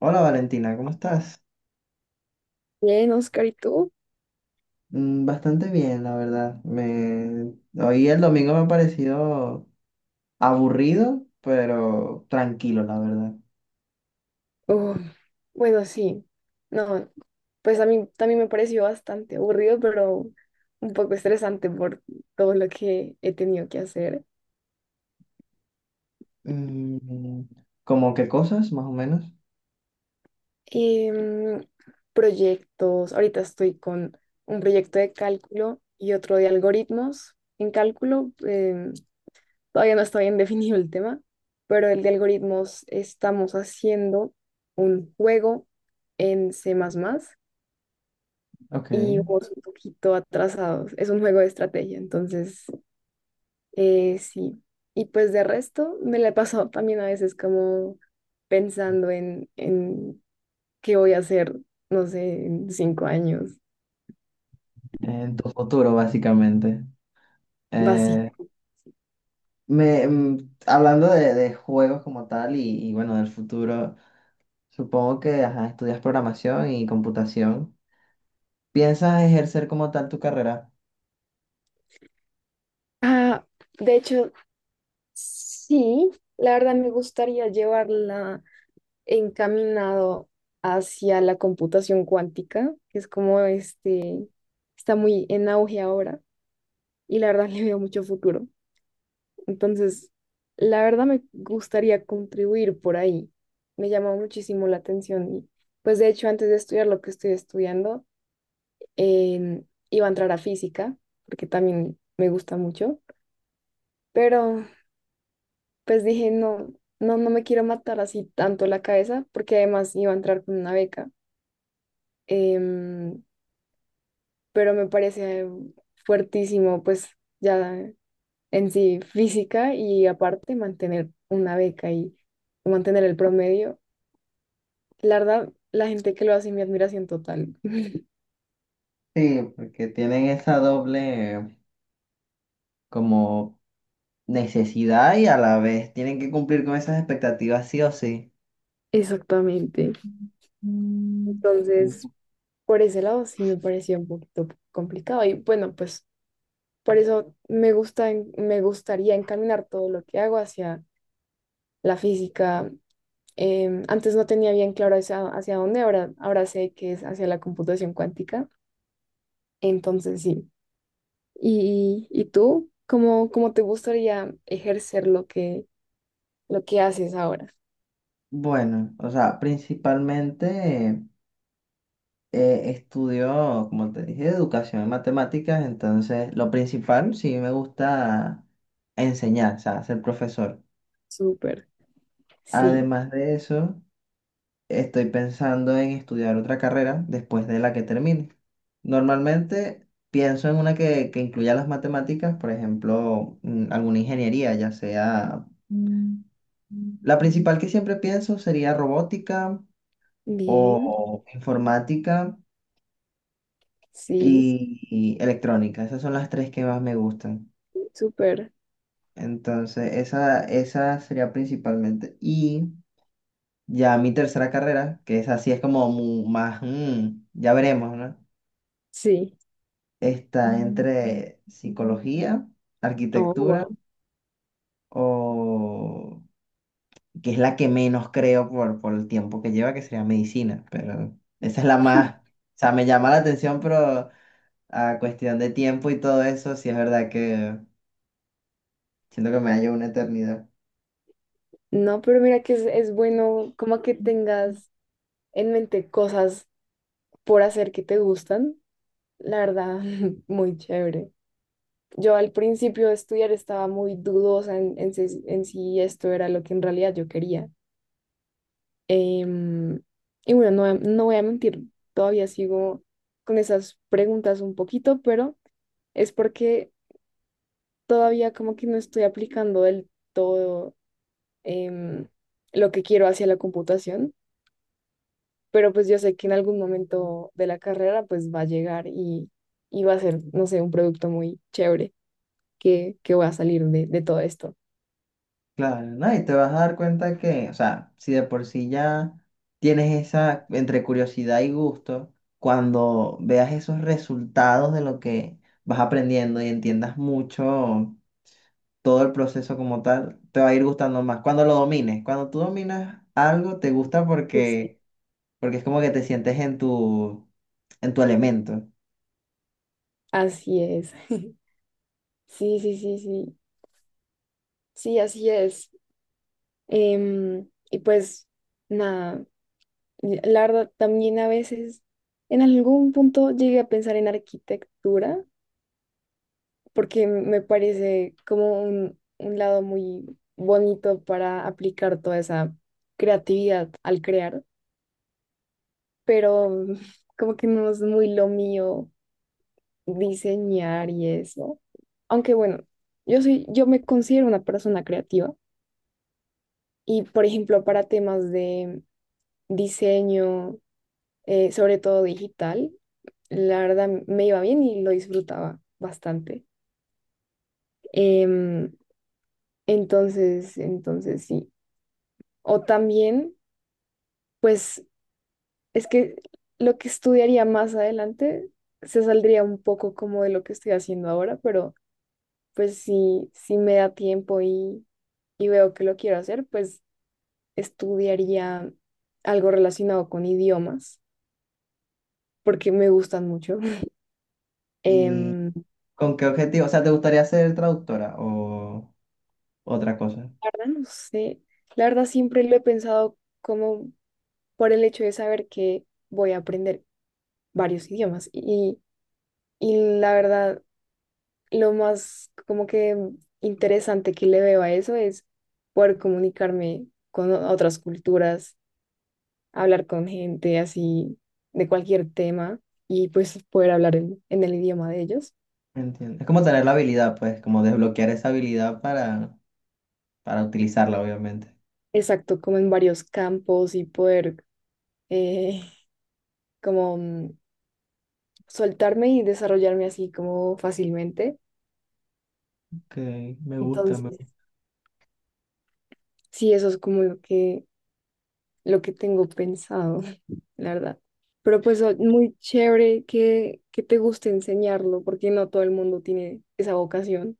Hola Valentina, ¿cómo estás? Bien, Oscar, ¿y tú? Bastante bien, la verdad. Me... Hoy el domingo me ha parecido aburrido, pero tranquilo, la verdad. Uf, bueno, sí. No, pues a mí también me pareció bastante aburrido, pero un poco estresante por todo lo que he tenido que hacer. Mm. ¿Cómo qué cosas, más o menos? Em, Proyectos. Ahorita estoy con un proyecto de cálculo y otro de algoritmos en cálculo. Todavía no está bien definido el tema, pero el de algoritmos estamos haciendo un juego en C++. Ok. Y vamos un poquito atrasados. Es un juego de estrategia, entonces sí. Y pues de resto me la he pasado también a veces como pensando en qué voy a hacer, no sé, en 5 años, En tu futuro, básicamente. Eh, básico. Hablando de juegos como tal bueno, del futuro, supongo que ajá, estudias programación y computación. ¿Piensas ejercer como tal tu carrera? Ah, de hecho, sí, la verdad me gustaría llevarla encaminado hacia la computación cuántica, que es como este, está muy en auge ahora y la verdad le veo mucho futuro. Entonces, la verdad me gustaría contribuir por ahí. Me llama muchísimo la atención. Y, pues de hecho, antes de estudiar lo que estoy estudiando, em, iba a entrar a física, porque también me gusta mucho. Pero pues dije, no, no, no me quiero matar así tanto la cabeza, porque además iba a entrar con una beca. Em, pero me parece fuertísimo, pues ya en sí física y aparte mantener una beca y mantener el promedio. La verdad, la gente que lo hace, mi admiración total. Sí, porque tienen esa doble... como necesidad y a la vez tienen que cumplir con esas expectativas sí o sí. Exactamente. Mm. Entonces, por ese lado sí me parecía un poquito complicado. Y bueno, pues por eso me gusta, me gustaría encaminar todo lo que hago hacia la física. Antes no tenía bien claro hacia dónde, ahora sé que es hacia la computación cuántica. Entonces, sí. ¿Y tú? ¿Cómo te gustaría ejercer lo que haces ahora? Bueno, o sea, principalmente estudio, como te dije, educación en matemáticas, entonces lo principal sí me gusta enseñar, o sea, ser profesor. Súper. Sí. Además de eso... Estoy pensando en estudiar otra carrera después de la que termine. Normalmente pienso en una que incluya las matemáticas, por ejemplo, alguna ingeniería, ya sea... Mm. La principal que siempre pienso sería robótica Bien. o informática Sí, y, y electrónica. Esas son las tres que más me gustan. súper. Entonces, esa sería principalmente. Y ya mi tercera carrera, que es así, es como más, mm, ya veremos, ¿no? Sí. Está entre psicología, Oh, arquitectura wow. o que es la que menos creo por el tiempo que lleva, que sería medicina, pero esa es la más, o sea, me llama la atención, pero a cuestión de tiempo y todo eso, sí es verdad que siento que me hallo una eternidad. No, pero mira que es bueno como que tengas en mente cosas por hacer que te gustan. La verdad, muy chévere. Yo al principio de estudiar estaba muy dudosa en si esto era lo que en realidad yo quería. Em, y bueno, no, no voy a mentir, todavía sigo con esas preguntas un poquito, pero es porque todavía como que no estoy aplicando del todo em, lo que quiero hacia la computación, pero pues yo sé que en algún momento de la carrera pues va a llegar y va a ser, no sé, un producto muy chévere que va a salir de todo esto. Claro, ¿no? Y te vas a dar cuenta que, o sea, si de por sí ya tienes esa entre curiosidad y gusto, cuando veas esos resultados de lo que vas aprendiendo y entiendas mucho todo el proceso como tal, te va a ir gustando más. Cuando lo domines, cuando tú dominas algo, te gusta Pues sí. porque, porque es como que te sientes en en tu elemento. Así es. Sí, sí, sí, sí. Sí, así es. Y pues nada, y la verdad, también a veces en algún punto llegué a pensar en arquitectura porque me parece como un lado muy bonito para aplicar toda esa creatividad al crear, pero como que no es muy lo mío diseñar y eso. Aunque bueno, yo me considero una persona creativa y por ejemplo para temas de diseño, sobre todo digital, la verdad me iba bien y lo disfrutaba bastante. Em, entonces, sí. O también. Pues es que lo que estudiaría más adelante se saldría un poco como de lo que estoy haciendo ahora, pero pues si me da tiempo y veo que lo quiero hacer, pues estudiaría algo relacionado con idiomas, porque me gustan mucho. ¿Y Em, con qué objetivo? O sea, ¿te gustaría ser traductora o otra cosa? la verdad, no sé. La verdad, siempre lo he pensado como por el hecho de saber que voy a aprender varios idiomas. Y la verdad, lo más como que interesante que le veo a eso es poder comunicarme con otras culturas, hablar con gente así de cualquier tema y pues poder hablar en el idioma de ellos. Entiendo. Es como tener la habilidad, pues, como desbloquear esa habilidad para utilizarla, obviamente. Exacto, como en varios campos y poder eh, como soltarme y desarrollarme así como fácilmente. Ok, me gusta, me Entonces, gusta. sí, eso es como lo que tengo pensado. La verdad. Pero pues muy chévere que te guste enseñarlo, porque no todo el mundo tiene esa vocación.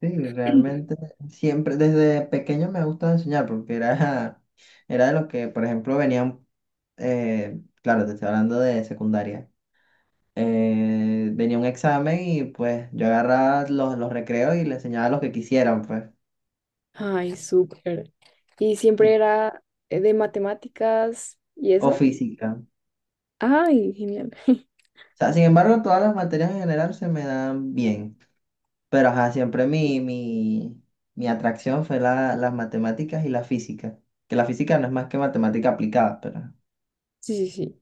Sí, realmente siempre, desde pequeño me gusta enseñar porque era, era de los que, por ejemplo, venían claro, te estoy hablando de secundaria. Venía un examen y pues yo agarraba los recreos y le enseñaba lo que quisieran, pues. Ay, súper. Y siempre y- era de matemáticas y o eso. física. Ay, genial. O sea, sin embargo, todas las materias en general se me dan bien. Pero ajá, siempre mi atracción fue la, las matemáticas y la física. Que la física no es más que matemática aplicada, pero... Sí, sí, sí.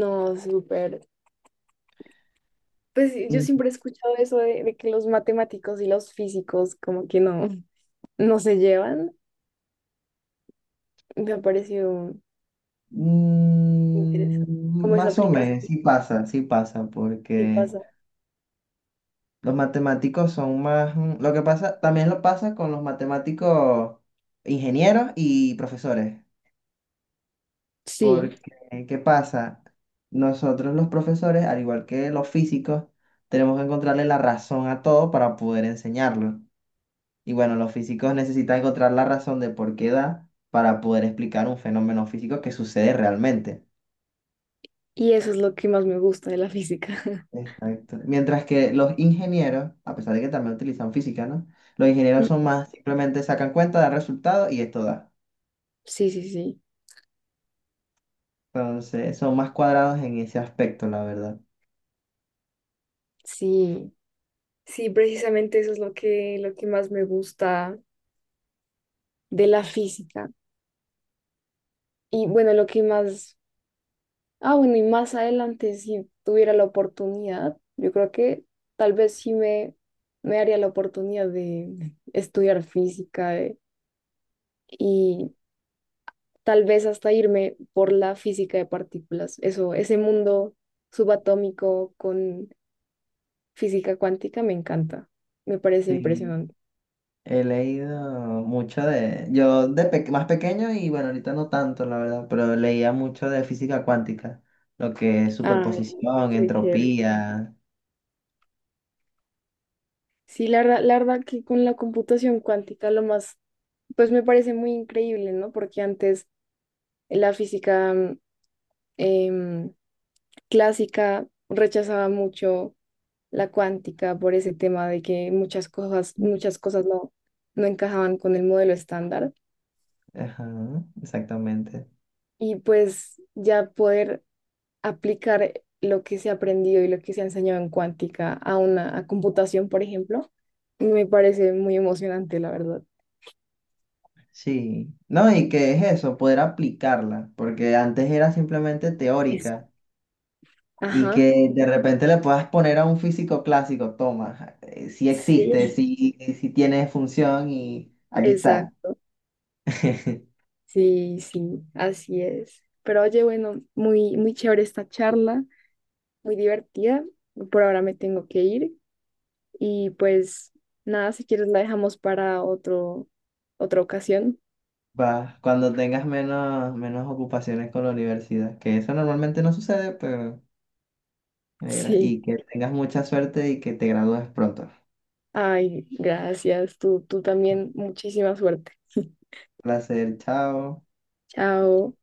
No, súper. Pues sí, yo Mm, siempre he escuchado eso de que los matemáticos y los físicos como que no, no se llevan. Me ha parecido interesante. Como esa más o aplicación menos, sí pasa, sí porque pasa. los matemáticos son más... lo que pasa, también lo pasa con los matemáticos ingenieros y profesores. Sí, Porque, ¿qué pasa? Nosotros los profesores, al igual que los físicos, tenemos que encontrarle la razón a todo para poder enseñarlo. Y bueno, los físicos necesitan encontrar la razón de por qué da para poder explicar un fenómeno físico que sucede realmente. y eso es lo que más me gusta de la física. Exacto. Mientras que los ingenieros, a pesar de que también utilizan física, ¿no? Los ingenieros Mm, son más, simplemente sacan cuenta, dan resultado y esto da. sí, sí, sí, Entonces, son más cuadrados en ese aspecto, la verdad. sí, sí, precisamente eso es lo que más me gusta de la física. Y bueno, lo que más, ah, bueno, y más adelante, si tuviera la oportunidad, yo creo que tal vez sí me haría la oportunidad de estudiar física, y tal vez hasta irme por la física de partículas. Eso, ese mundo subatómico con física cuántica me encanta, me parece Sí, impresionante. he leído mucho de, yo más pequeño y bueno, ahorita no tanto, la verdad, pero leía mucho de física cuántica, lo que es Ay, superposición, qué chévere. entropía. Sí, la verdad que con la computación cuántica lo más, pues me parece muy increíble, ¿no? Porque antes la física em, clásica rechazaba mucho la cuántica por ese tema de que muchas cosas no, no encajaban con el modelo estándar. Ajá, exactamente. Y pues ya poder aplicar lo que se ha aprendido y lo que se ha enseñado en cuántica a una a computación, por ejemplo, me parece muy emocionante, la verdad. Sí, no, y que es eso, poder aplicarla, porque antes era simplemente teórica. Exacto. Y Ajá. que de repente le puedas poner a un físico clásico, toma, si existe, Sí, si tiene función y aquí está. exacto. Sí, sí, así es. Pero oye, bueno, muy, muy chévere esta charla, muy divertida. Por ahora me tengo que ir y pues nada, si quieres la dejamos para otra ocasión. Va, cuando tengas menos, menos ocupaciones con la universidad, que eso normalmente no sucede, pero negra, y Sí. que tengas mucha suerte y que te gradúes pronto. Ay, gracias. Tú también, muchísima suerte. Placer, chao. Chao.